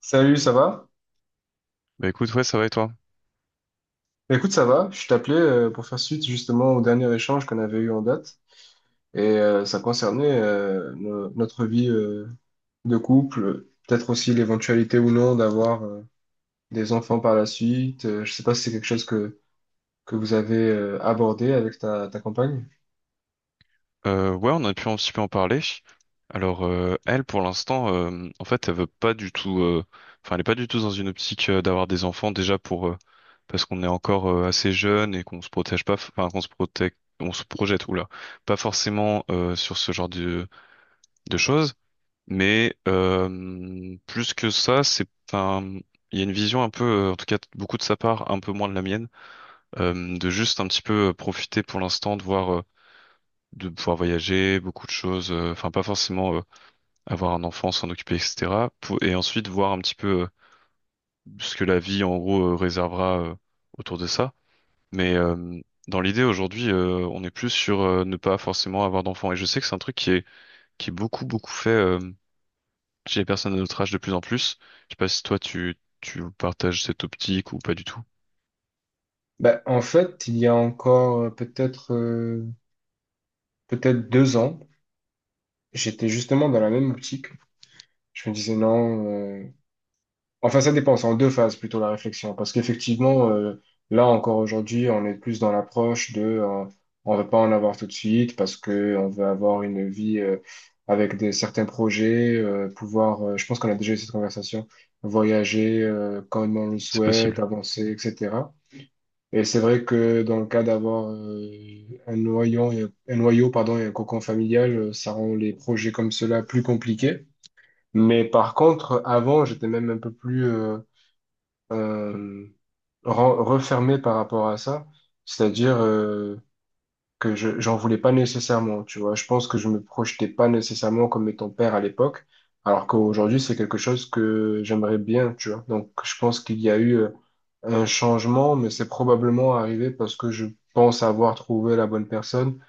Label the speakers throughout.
Speaker 1: Salut, ça va?
Speaker 2: Bah écoute, ouais, ça va et toi?
Speaker 1: Bah, écoute, ça va. Je t'appelais pour faire suite justement au dernier échange qu'on avait eu en date. Ça concernait notre vie de couple, peut-être aussi l'éventualité ou non d'avoir des enfants par la suite. Je sais pas si c'est quelque chose que vous avez abordé avec ta compagne.
Speaker 2: Ouais, on a pu un petit peu en parler. Alors, elle, pour l'instant, en fait, elle veut pas du tout. Enfin, elle est pas du tout dans une optique d'avoir des enfants déjà pour parce qu'on est encore assez jeune et qu'on se protège pas. Enfin, qu'on se protège, on se projette. Oula, pas forcément sur ce genre de choses. Mais plus que ça, c'est. Enfin, il y a une vision un peu, en tout cas, beaucoup de sa part, un peu moins de la mienne, de juste un petit peu profiter pour l'instant de voir. De pouvoir voyager, beaucoup de choses, enfin pas forcément avoir un enfant, s'en occuper, etc. Et ensuite voir un petit peu ce que la vie en gros réservera autour de ça. Mais dans l'idée aujourd'hui, on est plus sur ne pas forcément avoir d'enfant. Et je sais que c'est un truc qui est beaucoup beaucoup fait chez les personnes de notre âge de plus en plus. Je sais pas si toi tu partages cette optique ou pas du tout.
Speaker 1: Bah, en fait, il y a encore peut-être deux ans, j'étais justement dans la même optique. Je me disais non. Enfin, ça dépend, c'est en deux phases plutôt la réflexion, parce qu'effectivement, là encore aujourd'hui, on est plus dans l'approche de, on veut pas en avoir tout de suite parce que on veut avoir une vie avec des certains projets, pouvoir, je pense qu'on a déjà eu cette conversation, voyager quand on le
Speaker 2: C'est
Speaker 1: souhaite,
Speaker 2: possible.
Speaker 1: avancer, etc. Et c'est vrai que dans le cas d'avoir un un noyau, pardon, et un cocon familial, ça rend les projets comme cela plus compliqués. Mais par contre, avant, j'étais même un peu plus euh, refermé par rapport à ça, c'est-à-dire que je j'en voulais pas nécessairement, tu vois. Je pense que je me projetais pas nécessairement comme étant père à l'époque, alors qu'aujourd'hui c'est quelque chose que j'aimerais bien, tu vois. Donc je pense qu'il y a eu un changement, mais c'est probablement arrivé parce que je pense avoir trouvé la bonne personne,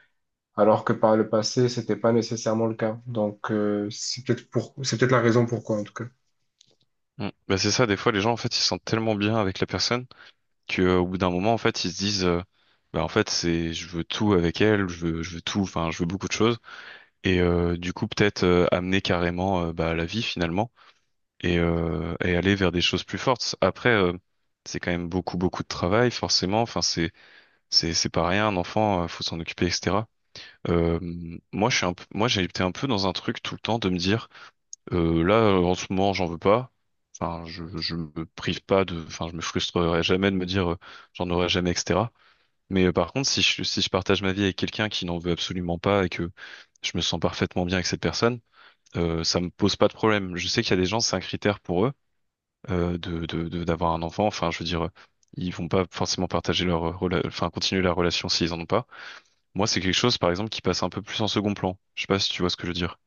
Speaker 1: alors que par le passé c'était pas nécessairement le cas. Donc c'est peut-être la raison pourquoi en tout cas.
Speaker 2: Mm. Bah c'est ça, des fois les gens en fait ils se sentent tellement bien avec la personne que au bout d'un moment en fait ils se disent bah en fait c'est je veux tout avec elle je veux tout enfin je veux beaucoup de choses et du coup peut-être amener carrément bah, à la vie finalement et aller vers des choses plus fortes après c'est quand même beaucoup beaucoup de travail forcément enfin c'est pas rien un enfant faut s'en occuper etc. Euh, Moi je suis un peu, moi j'ai été un peu dans un truc tout le temps de me dire là en ce moment j'en veux pas enfin je me prive pas de enfin je me frustrerai jamais de me dire j'en aurai jamais etc. Mais par contre, si je partage ma vie avec quelqu'un qui n'en veut absolument pas et que je me sens parfaitement bien avec cette personne, ça me pose pas de problème. Je sais qu'il y a des gens, c'est un critère pour eux de, d'avoir un enfant. Enfin, je veux dire, ils vont pas forcément partager leur enfin continuer la relation s'ils en ont pas. Moi, c'est quelque chose, par exemple, qui passe un peu plus en second plan. Je sais pas si tu vois ce que je veux dire.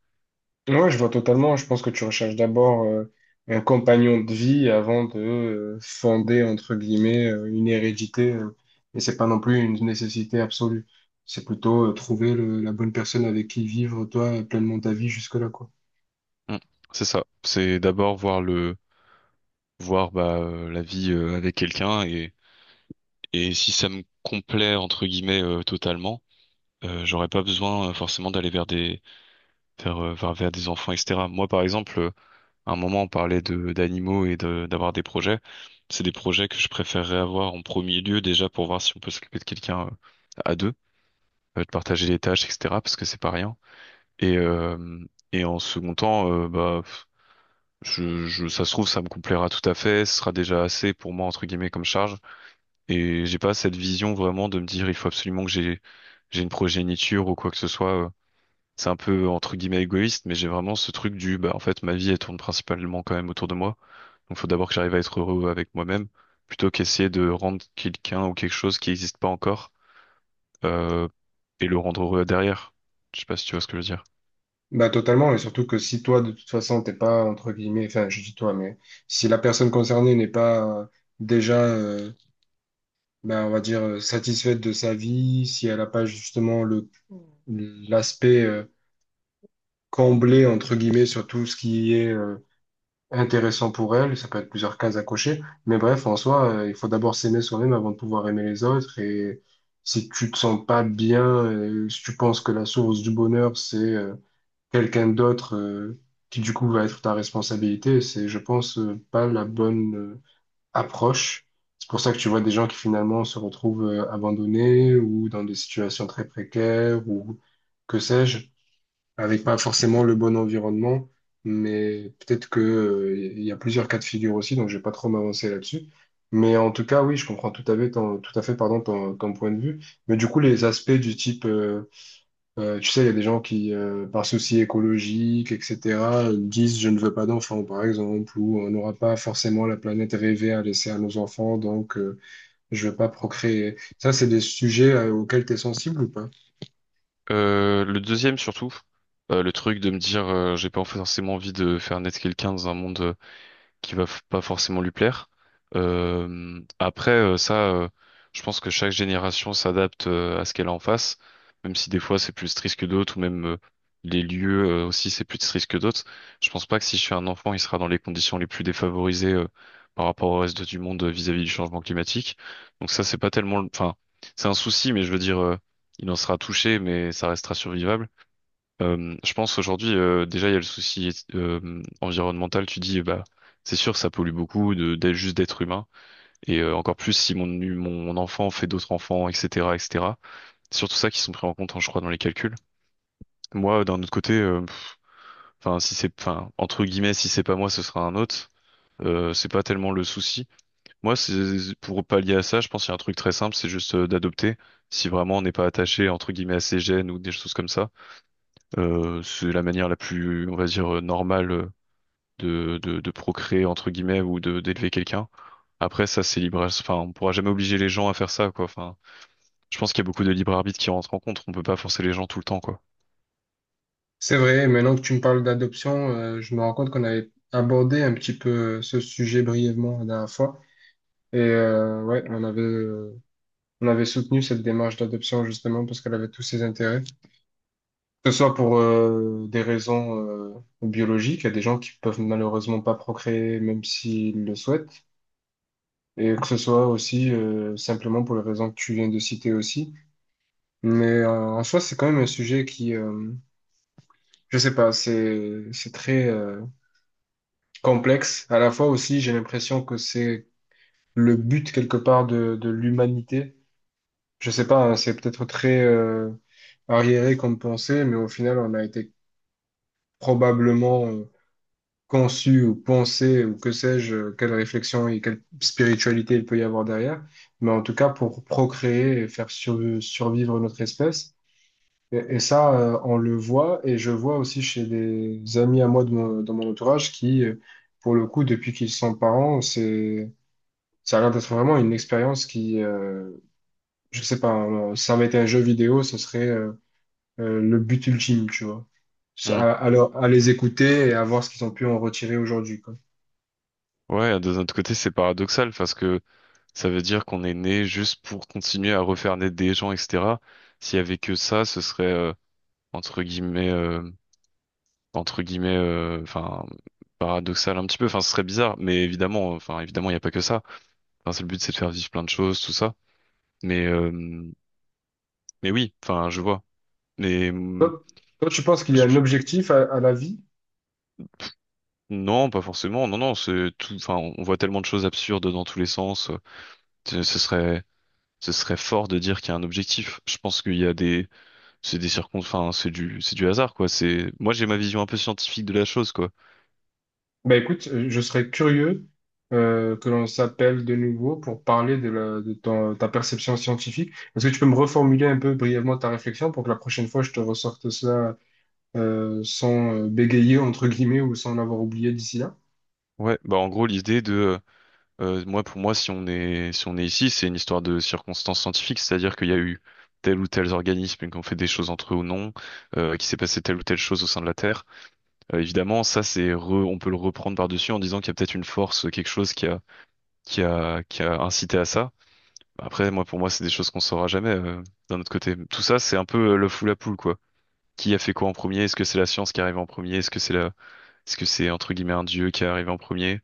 Speaker 1: Ouais, ouais, je vois totalement. Je pense que tu recherches d'abord un compagnon de vie avant de fonder, entre guillemets, une hérédité. Et c'est pas non plus une nécessité absolue. C'est plutôt trouver la bonne personne avec qui vivre, toi, pleinement ta vie jusque-là, quoi.
Speaker 2: Mm. C'est ça. C'est d'abord voir bah la vie avec quelqu'un et si ça me complaît entre guillemets totalement. J'aurais pas besoin forcément d'aller vers vers des enfants, etc. Moi, par exemple, à un moment, on parlait de d'animaux et d'avoir des projets. C'est des projets que je préférerais avoir en premier lieu déjà pour voir si on peut s'occuper de quelqu'un à deux, de partager les tâches, etc. Parce que c'est pas rien. Et euh, et en second temps, je ça se trouve ça me complaira tout à fait. Ce sera déjà assez pour moi entre guillemets comme charge. Et j'ai pas cette vision vraiment de me dire il faut absolument que j'ai une progéniture ou quoi que ce soit. C'est un peu entre guillemets égoïste, mais j'ai vraiment ce truc du bah en fait ma vie elle tourne principalement quand même autour de moi. Donc faut d'abord que j'arrive à être heureux avec moi-même, plutôt qu'essayer de rendre quelqu'un ou quelque chose qui n'existe pas encore euh, et le rendre heureux derrière. Je sais pas si tu vois ce que je veux dire.
Speaker 1: Bah, totalement. Et surtout que si toi, de toute façon, t'es pas, entre guillemets, enfin, je dis toi, mais si la personne concernée n'est pas déjà, euh, bah, on va dire, satisfaite de sa vie, si elle n'a pas justement l'aspect combler, entre guillemets, sur tout ce qui est intéressant pour elle. Ça peut être plusieurs cases à cocher. Mais bref, en soi, il faut d'abord s'aimer soi-même avant de pouvoir aimer les autres. Et si tu te sens pas bien, si tu penses que la source du bonheur, c'est quelqu'un d'autre qui, du coup, va être ta responsabilité, c'est, je pense, pas la bonne approche. C'est pour ça que tu vois des gens qui finalement se retrouvent abandonnés ou dans des situations très précaires ou que sais-je avec pas forcément le bon environnement, mais peut-être que, il y a plusieurs cas de figure aussi, donc je vais pas trop m'avancer là-dessus. Mais en tout cas, oui, je comprends tout à fait ton, tout à fait, pardon, ton point de vue. Mais du coup, les aspects du type, tu sais, il y a des gens qui, par souci écologique, etc., disent je ne veux pas d'enfants, par exemple, ou on n'aura pas forcément la planète rêvée à laisser à nos enfants, donc je veux pas procréer. Ça, c'est des sujets auxquels tu es sensible ou pas?
Speaker 2: Le deuxième surtout, le truc de me dire j'ai pas forcément envie de faire naître quelqu'un dans un monde qui pas forcément lui plaire. Euh, après, euh, ça, euh, je pense que chaque génération s'adapte à ce qu'elle a en face, même si des fois c'est plus triste que d'autres, ou même les lieux aussi c'est plus triste que d'autres. Je pense pas que si je suis un enfant, il sera dans les conditions les plus défavorisées par rapport au reste du monde vis-à-vis du changement climatique. Donc ça, c'est pas tellement, le- enfin, c'est un souci, mais je veux dire, il en sera touché, mais ça restera survivable. Je pense aujourd'hui, déjà, il y a le souci environnemental. Tu dis, bah, c'est sûr, ça pollue beaucoup juste d'être humain. Et encore plus si mon enfant fait d'autres enfants, etc. C'est surtout ça qui sont pris en compte, hein, je crois, dans les calculs. Moi, d'un autre côté, enfin, si c'est, enfin, entre guillemets, si c'est pas moi, ce sera un autre. C'est pas tellement le souci. Moi, c'est pour pallier à ça, je pense qu'il y a un truc très simple, c'est juste d'adopter. Si vraiment on n'est pas attaché entre guillemets à ses gènes ou des choses comme ça, c'est la manière la plus, on va dire, normale de procréer entre guillemets ou de d'élever quelqu'un. Après ça c'est libre, enfin on pourra jamais obliger les gens à faire ça quoi. Enfin, je pense qu'il y a beaucoup de libre arbitre qui rentre en compte. On peut pas forcer les gens tout le temps quoi.
Speaker 1: C'est vrai, maintenant que tu me parles d'adoption, je me rends compte qu'on avait abordé un petit peu ce sujet brièvement la dernière fois. Et ouais, on avait soutenu cette démarche d'adoption justement parce qu'elle avait tous ses intérêts. Que ce soit pour des raisons biologiques, il y a des gens qui peuvent malheureusement pas procréer même s'ils le souhaitent. Et que ce soit aussi simplement pour les raisons que tu viens de citer aussi. Mais en soi, c'est quand même un sujet qui, je sais pas, c'est très... complexe. À la fois aussi, j'ai l'impression que c'est le but quelque part de l'humanité. Je sais pas, hein, c'est peut-être très arriéré comme pensée, mais au final, on a été probablement conçu ou pensé ou que sais-je, quelle réflexion et quelle spiritualité il peut y avoir derrière. Mais en tout cas, pour procréer et faire survivre notre espèce. Et ça, on le voit, et je vois aussi chez des amis à moi de dans mon entourage qui pour le coup, depuis qu'ils sont parents, c'est ça a l'air d'être vraiment une expérience qui, je sais pas, si ça avait été un jeu vidéo, ce serait le but ultime, tu vois.
Speaker 2: Hmm.
Speaker 1: À les écouter et à voir ce qu'ils ont pu en retirer aujourd'hui, quoi.
Speaker 2: Ouais, de notre côté c'est paradoxal parce que ça veut dire qu'on est né juste pour continuer à refaire naître des gens etc. S'il y avait que ça, ce serait entre guillemets euh, entre guillemets enfin paradoxal un petit peu. Enfin ce serait bizarre, mais évidemment enfin évidemment il n'y a pas que ça. Enfin, c'est le but c'est de faire vivre plein de choses tout ça. Mais euh, Mais oui, enfin, je vois. Mais hum,
Speaker 1: Toi, Toi,
Speaker 2: je-
Speaker 1: tu penses qu'il y a un
Speaker 2: je-
Speaker 1: objectif à la vie?
Speaker 2: non, pas forcément. Non, non, c'est tout. Enfin, on voit tellement de choses absurdes dans tous les sens. Ce ce serait, ce serait fort de dire qu'il y a un objectif. Je pense qu'il y a des, c'est des circon. Enfin, c'est du hasard, quoi. C'est, moi, j'ai ma vision un peu scientifique de la chose, quoi.
Speaker 1: Bah écoute, je serais curieux que l'on s'appelle de nouveau pour parler de ta perception scientifique. Est-ce que tu peux me reformuler un peu brièvement ta réflexion pour que la prochaine fois je te ressorte cela sans bégayer, entre guillemets, ou sans l'avoir oublié d'ici là?
Speaker 2: Ouais. Bah, en gros, moi, pour moi, si on est ici, c'est une histoire de circonstances scientifiques, c'est-à-dire qu'il y a eu tel ou tel organisme qui ont fait des choses entre eux ou non, qui s'est passé telle ou telle chose au sein de la Terre. Évidemment, ça, on peut le reprendre par-dessus en disant qu'il y a peut-être une force, quelque chose qui a incité à ça. Après, moi, pour moi, c'est des choses qu'on saura jamais, d'un autre côté. Tout ça, c'est un peu le fou la poule, quoi. Qui a fait quoi en premier? Est-ce que c'est la science qui arrive en premier? Est-ce que c'est, entre guillemets, un dieu qui est arrivé en premier?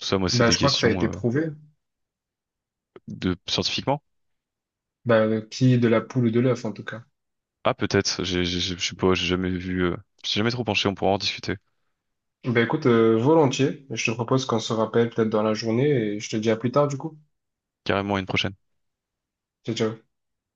Speaker 2: Tout ça, moi, c'est
Speaker 1: Bah,
Speaker 2: des
Speaker 1: je crois que ça a
Speaker 2: questions,
Speaker 1: été prouvé.
Speaker 2: scientifiquement.
Speaker 1: Bah, qui de la poule ou de l'œuf, en tout cas.
Speaker 2: Ah, peut-être. Je sais pas, j'ai jamais vu, je suis jamais trop penché, on pourra en discuter.
Speaker 1: Bah, écoute, volontiers. Je te propose qu'on se rappelle peut-être dans la journée et je te dis à plus tard, du coup.
Speaker 2: Carrément à une prochaine.
Speaker 1: Ciao, ciao.